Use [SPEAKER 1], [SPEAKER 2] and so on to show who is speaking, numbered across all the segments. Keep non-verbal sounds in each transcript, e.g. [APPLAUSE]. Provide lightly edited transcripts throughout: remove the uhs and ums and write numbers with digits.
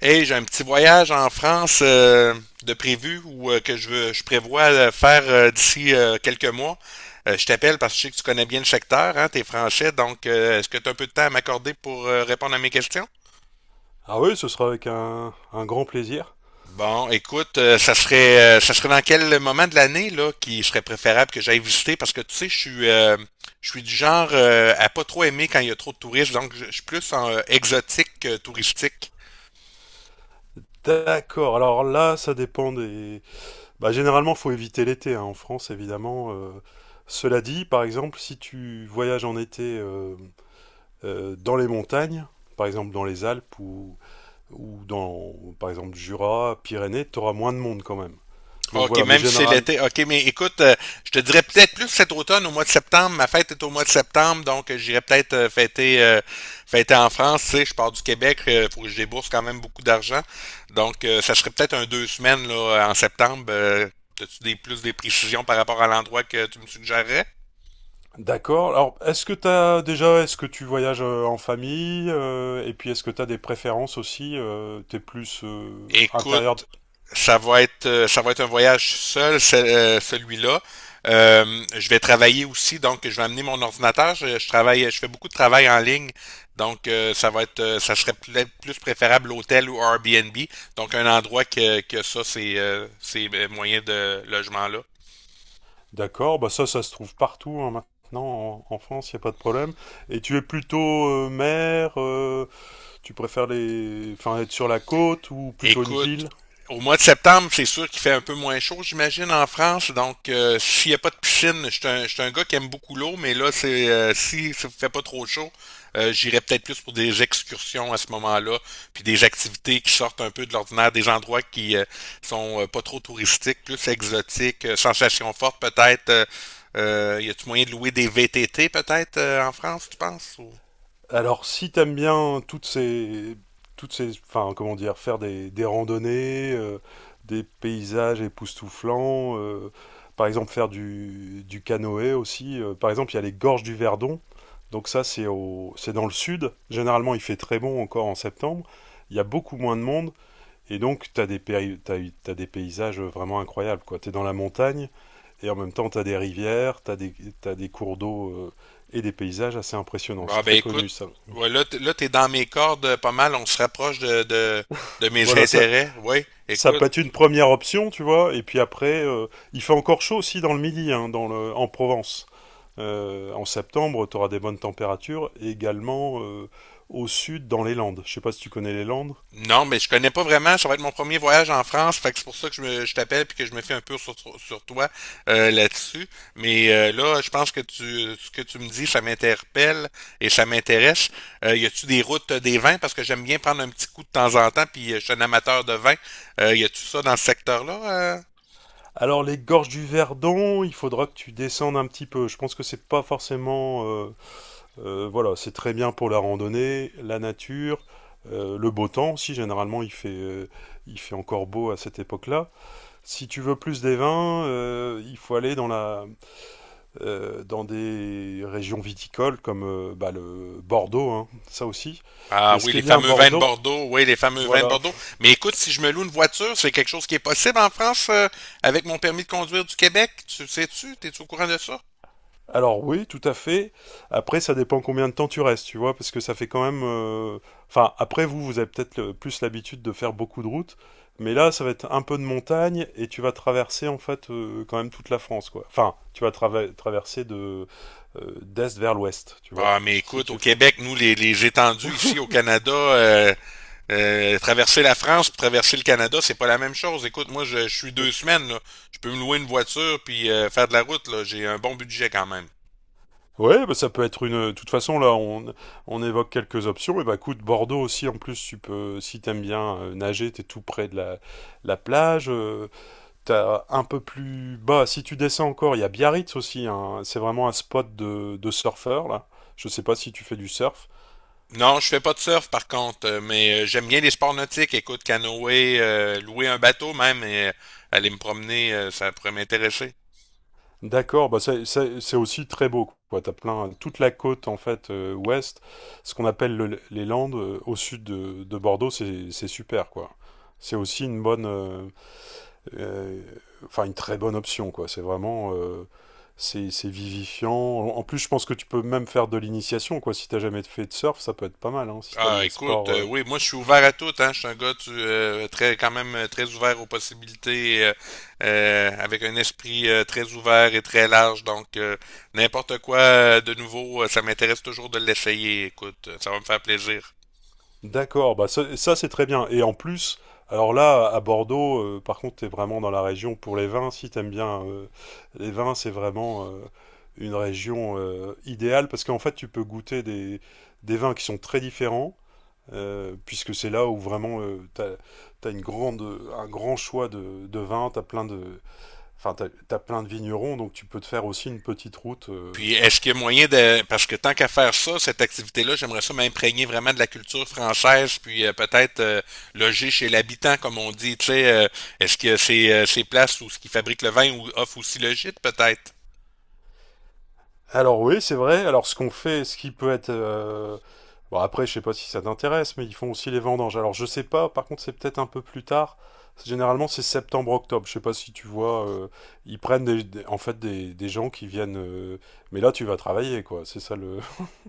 [SPEAKER 1] Hey, j'ai un petit voyage en France de prévu ou que je, je prévois faire d'ici quelques mois. Je t'appelle parce que je sais que tu connais bien le secteur, hein, t'es français, donc est-ce que tu as un peu de temps à m'accorder pour répondre à mes questions?
[SPEAKER 2] Ah oui, ce sera avec un grand plaisir.
[SPEAKER 1] Bon, écoute, ça serait dans quel moment de l'année là qui serait préférable que j'aille visiter parce que tu sais, je suis du genre à pas trop aimer quand il y a trop de touristes, donc je suis plus en exotique que touristique.
[SPEAKER 2] D'accord, alors là, ça dépend des. Bah, généralement, faut éviter l'été, hein, en France, évidemment. Cela dit, par exemple, si tu voyages en été, dans les montagnes, par exemple dans les Alpes ou dans, par exemple, Jura, Pyrénées, tu auras moins de monde quand même. Donc
[SPEAKER 1] OK,
[SPEAKER 2] voilà, mais
[SPEAKER 1] même si c'est
[SPEAKER 2] général.
[SPEAKER 1] l'été. OK, mais écoute, je te dirais peut-être plus cet automne, au mois de septembre. Ma fête est au mois de septembre, donc j'irai peut-être fêter en France. Tu sais, je pars du Québec, il faut que je débourse quand même beaucoup d'argent. Donc, ça serait peut-être un deux semaines là, en septembre. As-tu des, plus des précisions par rapport à l'endroit que tu me suggérerais?
[SPEAKER 2] D'accord. Alors, est-ce que t'as déjà, est-ce que tu voyages en famille et puis est-ce que tu as des préférences aussi, t'es plus intérieur.
[SPEAKER 1] Écoute, ça va être un voyage seul, celui-là. Je vais travailler aussi, donc je vais amener mon ordinateur. Je travaille, je fais beaucoup de travail en ligne, donc ça serait plus préférable l'hôtel ou Airbnb, donc un endroit que ça, c'est ces moyens de logement là.
[SPEAKER 2] D'accord, bah ça, ça se trouve partout, hein, maintenant. En France, il n'y a pas de problème. Et tu es plutôt mer, tu préfères les, enfin, être sur la côte ou plutôt une
[SPEAKER 1] Écoute,
[SPEAKER 2] ville?
[SPEAKER 1] au mois de septembre, c'est sûr qu'il fait un peu moins chaud, j'imagine, en France. Donc, s'il n'y a pas de piscine, je suis un gars qui aime beaucoup l'eau, mais là, c'est si ça ne fait pas trop chaud, j'irai peut-être plus pour des excursions à ce moment-là, puis des activités qui sortent un peu de l'ordinaire, des endroits qui sont pas trop touristiques, plus exotiques, sensations fortes peut-être. Y a-tu moyen de louer des VTT peut-être en France, tu penses?
[SPEAKER 2] Alors, si t'aimes bien toutes ces, enfin, comment dire, faire des randonnées, des paysages époustouflants, par exemple faire du canoë aussi. Par exemple, il y a les gorges du Verdon. Donc ça, c'est dans le sud. Généralement, il fait très bon encore en septembre. Il y a beaucoup moins de monde. Et donc, tu as des paysages vraiment incroyables, quoi. Tu es dans la montagne et en même temps, tu as des rivières, tu as des cours d'eau, et des paysages assez impressionnants. C'est
[SPEAKER 1] Bon, ben
[SPEAKER 2] très
[SPEAKER 1] écoute,
[SPEAKER 2] connu, ça.
[SPEAKER 1] ouais, là, t'es dans mes cordes pas mal, on se rapproche de mes [LAUGHS]
[SPEAKER 2] Voilà, ça,
[SPEAKER 1] intérêts. Oui,
[SPEAKER 2] ça
[SPEAKER 1] écoute,
[SPEAKER 2] peut être une première option, tu vois. Et puis après, il fait encore chaud aussi dans le midi, hein, en Provence. En septembre, tu auras des bonnes températures, et également, au sud, dans les Landes. Je sais pas si tu connais les Landes.
[SPEAKER 1] non, mais je connais pas vraiment, ça va être mon premier voyage en France, fait que c'est pour ça que je t'appelle puis que je me fais un peu sur toi là-dessus. Mais là, je pense que tu, ce que tu me dis, ça m'interpelle et ça m'intéresse. Y a-tu des routes des vins? Parce que j'aime bien prendre un petit coup de temps en temps, puis je suis un amateur de vin. Y a-tu ça dans ce secteur-là? euh?
[SPEAKER 2] Alors les gorges du Verdon, il faudra que tu descendes un petit peu. Je pense que c'est pas forcément. Voilà, c'est très bien pour la randonnée, la nature, le beau temps aussi. Généralement, il fait encore beau à cette époque-là. Si tu veux plus des vins, il faut aller dans des régions viticoles comme bah, le Bordeaux, hein, ça aussi.
[SPEAKER 1] Ah
[SPEAKER 2] Mais ce
[SPEAKER 1] oui,
[SPEAKER 2] qui est
[SPEAKER 1] les
[SPEAKER 2] bien à
[SPEAKER 1] fameux vins de
[SPEAKER 2] Bordeaux,
[SPEAKER 1] Bordeaux, oui, les fameux vins de
[SPEAKER 2] voilà.
[SPEAKER 1] Bordeaux. Mais écoute, si je me loue une voiture, c'est quelque chose qui est possible en France avec mon permis de conduire du Québec. Tu le sais-tu? T'es-tu au courant de ça?
[SPEAKER 2] Alors oui, tout à fait. Après, ça dépend combien de temps tu restes, tu vois, parce que ça fait quand même. Enfin, après vous, vous avez peut-être plus l'habitude de faire beaucoup de routes, mais là, ça va être un peu de montagne et tu vas traverser en fait, quand même toute la France, quoi. Enfin, tu vas traverser de d'est vers l'ouest, tu vois,
[SPEAKER 1] Bah, mais
[SPEAKER 2] si
[SPEAKER 1] écoute, au
[SPEAKER 2] tu fais.
[SPEAKER 1] Québec, nous, les étendues ici au Canada, traverser la France, puis traverser le Canada, c'est pas la même chose. Écoute, moi, je suis deux semaines, là. Je peux me louer une voiture puis faire de la route, là. J'ai un bon budget quand même.
[SPEAKER 2] Ouais, bah ça peut être une. De toute façon, là, on évoque quelques options. Et bah, écoute, Bordeaux aussi, en plus, tu peux, si t'aimes bien, nager, t'es tout près de la plage. T'as un peu plus bas, si tu descends encore, il y a Biarritz aussi, hein. C'est vraiment un spot de surfeurs, là. Je sais pas si tu fais du surf.
[SPEAKER 1] Non, je fais pas de surf par contre, mais j'aime bien les sports nautiques. Écoute, canoë, louer un bateau même et aller me promener, ça pourrait m'intéresser.
[SPEAKER 2] D'accord, bah c'est aussi très beau, quoi. T'as plein, toute la côte, en fait, ouest, ce qu'on appelle les Landes, au sud de Bordeaux, c'est super, quoi. C'est aussi une bonne, euh, enfin, une très bonne option, quoi. C'est vraiment, c'est vivifiant. En plus, je pense que tu peux même faire de l'initiation, quoi. Si t'as jamais fait de surf, ça peut être pas mal, hein, si t'aimes
[SPEAKER 1] Ah,
[SPEAKER 2] les
[SPEAKER 1] écoute,
[SPEAKER 2] sports.
[SPEAKER 1] oui, moi je suis ouvert à tout, hein. Je suis un gars tu, très, quand même très ouvert aux possibilités, avec un esprit très ouvert et très large. Donc, n'importe quoi de nouveau, ça m'intéresse toujours de l'essayer. Écoute, ça va me faire plaisir.
[SPEAKER 2] D'accord, bah ça, ça, c'est très bien. Et en plus, alors là, à Bordeaux, par contre, t'es vraiment dans la région pour les vins, si t'aimes bien les vins, c'est vraiment une région idéale parce qu'en fait, tu peux goûter des vins qui sont très différents, puisque c'est là où vraiment, t'as une grande, un grand choix de vins, t'as plein de, enfin, t'as plein de vignerons, donc tu peux te faire aussi une petite route.
[SPEAKER 1] Puis est-ce qu'il y a moyen de. Parce que tant qu'à faire ça, cette activité-là, j'aimerais ça m'imprégner vraiment de la culture française, puis peut-être loger chez l'habitant, comme on dit. Tu sais, est-ce que c'est ces places où ce qui fabrique le vin ou offre aussi le gîte, peut-être?
[SPEAKER 2] Alors oui, c'est vrai. Alors ce qu'on fait, ce qui peut être. Bon après, je sais pas si ça t'intéresse, mais ils font aussi les vendanges. Alors je sais pas, par contre c'est peut-être un peu plus tard. Généralement c'est septembre-octobre. Je sais pas si tu vois, ils prennent en fait des gens qui viennent. Mais là tu vas travailler, quoi. C'est ça le.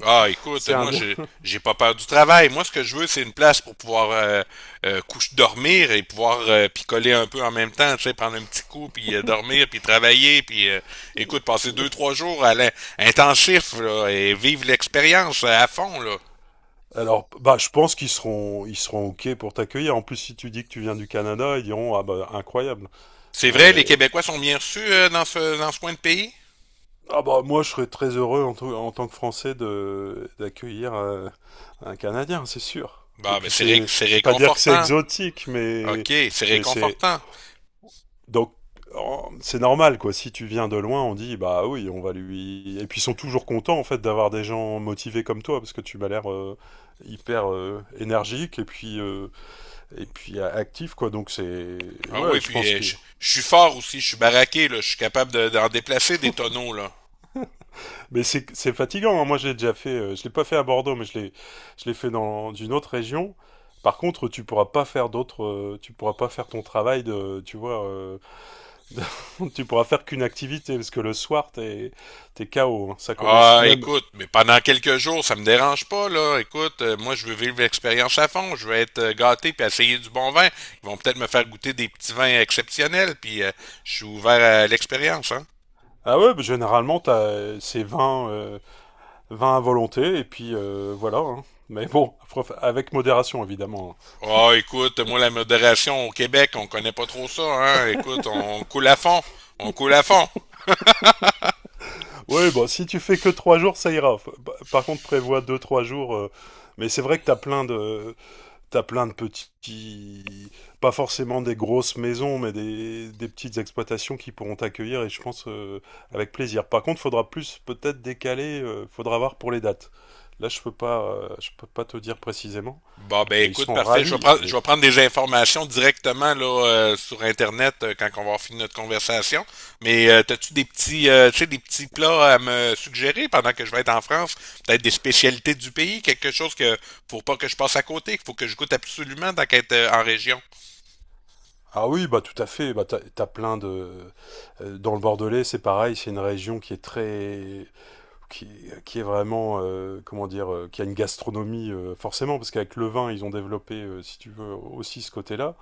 [SPEAKER 1] Ah,
[SPEAKER 2] [LAUGHS]
[SPEAKER 1] écoute,
[SPEAKER 2] C'est
[SPEAKER 1] moi,
[SPEAKER 2] indien.
[SPEAKER 1] j'ai pas peur du travail. Moi, ce que je veux, c'est une place pour pouvoir coucher, dormir et pouvoir picoler un peu en même temps, tu sais, prendre un petit coup, puis dormir, puis travailler, puis écoute, passer deux, trois jours à intensif là, et vivre l'expérience à fond, là.
[SPEAKER 2] Alors, bah, je pense qu'ils seront OK pour t'accueillir. En plus, si tu dis que tu viens du Canada, ils diront, ah bah, incroyable.
[SPEAKER 1] C'est vrai, les
[SPEAKER 2] Euh,
[SPEAKER 1] Québécois sont bien reçus dans ce coin de pays?
[SPEAKER 2] Ah bah moi je serais très heureux en tant que Français de d'accueillir, un Canadien, c'est sûr. Et
[SPEAKER 1] Bah, ben,
[SPEAKER 2] puis c'est,
[SPEAKER 1] c'est
[SPEAKER 2] je vais pas dire que c'est
[SPEAKER 1] réconfortant.
[SPEAKER 2] exotique,
[SPEAKER 1] OK,
[SPEAKER 2] mais
[SPEAKER 1] c'est
[SPEAKER 2] c'est
[SPEAKER 1] réconfortant.
[SPEAKER 2] donc c'est normal, quoi. Si tu viens de loin, on dit bah oui, on va lui. Et puis ils sont toujours contents en fait d'avoir des gens motivés comme toi parce que tu m'as l'air, hyper, énergique et puis, et puis actif, quoi. Donc c'est
[SPEAKER 1] Ah
[SPEAKER 2] ouais,
[SPEAKER 1] oui,
[SPEAKER 2] je pense
[SPEAKER 1] puis
[SPEAKER 2] que
[SPEAKER 1] je suis fort aussi, je suis baraqué, là, je suis capable d'en déplacer des tonneaux, là.
[SPEAKER 2] mais c'est fatigant, hein. Moi, je l'ai déjà fait. Je l'ai pas fait à Bordeaux, mais je l'ai fait dans une autre région. Par contre, tu pourras pas faire d'autres. Tu pourras pas faire ton travail de. Tu vois, [LAUGHS] tu pourras faire qu'une activité parce que le soir, t'es KO, hein. Ça commence
[SPEAKER 1] Ah,
[SPEAKER 2] même.
[SPEAKER 1] écoute, mais pendant quelques jours, ça me dérange pas, là. Écoute, moi, je veux vivre l'expérience à fond. Je veux être gâté puis essayer du bon vin. Ils vont peut-être me faire goûter des petits vins exceptionnels, puis je suis ouvert à l'expérience, hein.
[SPEAKER 2] Ah ouais, bah, généralement, t'as c'est 20 20 à volonté et puis voilà, hein. Mais bon, après, avec modération évidemment.
[SPEAKER 1] Ah, écoute, moi, la modération au Québec, on connaît pas trop ça, hein. Écoute, on coule à fond. On coule à fond.
[SPEAKER 2] Hein. Ouais, bon, si tu fais que 3 jours, ça ira. Bah, par contre, prévois 2 3 jours. Mais c'est vrai que t'as plein de petits, pas forcément des grosses maisons, mais des petites exploitations qui pourront t'accueillir et je pense, avec plaisir. Par contre, faudra plus peut-être décaler, faudra voir pour les dates. Là, je peux pas, je peux pas te dire précisément,
[SPEAKER 1] Bon, ben,
[SPEAKER 2] mais ils
[SPEAKER 1] écoute,
[SPEAKER 2] sont
[SPEAKER 1] parfait.
[SPEAKER 2] ravis.
[SPEAKER 1] Je
[SPEAKER 2] Et.
[SPEAKER 1] vais prendre des informations directement, là, sur Internet quand on va finir notre conversation. Mais, t'as-tu des petits, tu sais, des petits plats à me suggérer pendant que je vais être en France? Peut-être des spécialités du pays? Quelque chose que, faut pas que je passe à côté, qu'il faut que je goûte absolument tant qu'être en région.
[SPEAKER 2] Ah oui, bah tout à fait. Bah, dans le Bordelais, c'est pareil. C'est une région qui est très, qui, qui est vraiment, comment dire, qui a une gastronomie, forcément, parce qu'avec le vin, ils ont développé, si tu veux, aussi ce côté-là.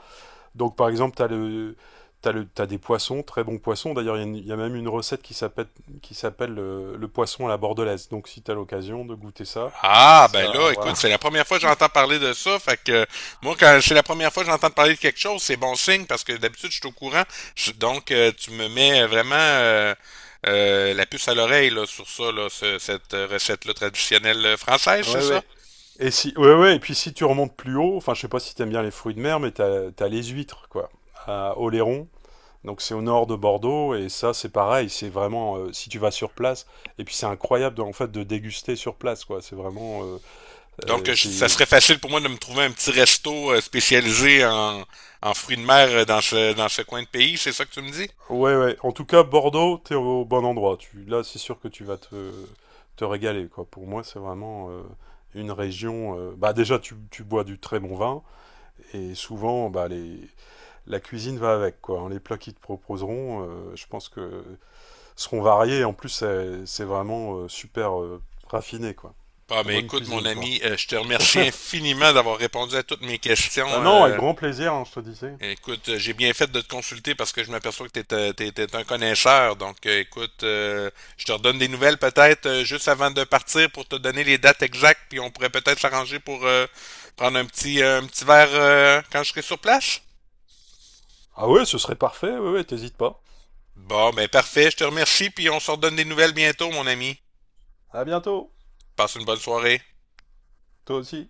[SPEAKER 2] Donc par exemple, tu as le. T'as des poissons, très bons poissons. D'ailleurs, il y a il y a même une recette qui s'appelle, le poisson à la bordelaise. Donc, si t'as l'occasion de goûter ça,
[SPEAKER 1] Ah, ben
[SPEAKER 2] ça,
[SPEAKER 1] là,
[SPEAKER 2] voilà.
[SPEAKER 1] écoute, c'est la
[SPEAKER 2] [LAUGHS]
[SPEAKER 1] première fois que j'entends parler de ça. Fait que moi, quand c'est la première fois que j'entends parler de quelque chose, c'est bon signe parce que d'habitude, je suis au courant. Donc, tu me mets vraiment la puce à l'oreille là, sur ça, là, cette recette-là traditionnelle française, c'est
[SPEAKER 2] Ouais,
[SPEAKER 1] ça?
[SPEAKER 2] ouais. Et si, ouais, ouais. Et puis, si tu remontes plus haut, enfin, je sais pas si t'aimes bien les fruits de mer, mais t'as les huîtres, quoi, à Oléron. Donc, c'est au nord de Bordeaux, et ça, c'est pareil. C'est vraiment, si tu vas sur place, et puis c'est incroyable, en fait, de déguster sur place, quoi. C'est vraiment,
[SPEAKER 1] Donc, ça
[SPEAKER 2] c'est.
[SPEAKER 1] serait facile pour moi de me trouver un petit resto spécialisé en, en fruits de mer dans ce coin de pays, c'est ça que tu me dis?
[SPEAKER 2] Ouais, ouais. En tout cas, Bordeaux, t'es au bon endroit. Tu, là, c'est sûr que tu vas te régaler, quoi. Pour moi, c'est vraiment, une région. Bah, déjà, tu bois du très bon vin et souvent, bah, les, la cuisine va avec, quoi. Hein. Les plats qu'ils te proposeront, je pense que seront variés. En plus, c'est vraiment, super, raffiné, quoi.
[SPEAKER 1] Ah,
[SPEAKER 2] La
[SPEAKER 1] mais
[SPEAKER 2] bonne
[SPEAKER 1] écoute, mon
[SPEAKER 2] cuisine, quoi.
[SPEAKER 1] ami, je te remercie infiniment d'avoir répondu à toutes mes
[SPEAKER 2] Ah
[SPEAKER 1] questions.
[SPEAKER 2] non, avec grand plaisir, hein, je te disais.
[SPEAKER 1] Écoute, j'ai bien fait de te consulter parce que je m'aperçois que t'es un connaisseur. Donc, écoute, je te redonne des nouvelles peut-être juste avant de partir pour te donner les dates exactes, puis on pourrait peut-être s'arranger pour prendre un petit verre quand je serai sur place.
[SPEAKER 2] Ah ouais, ce serait parfait. Ouais, ouais, t'hésites pas.
[SPEAKER 1] Bon, ben parfait, je te remercie, puis on se redonne des nouvelles bientôt, mon ami.
[SPEAKER 2] À bientôt.
[SPEAKER 1] Passe une bonne soirée.
[SPEAKER 2] Toi aussi.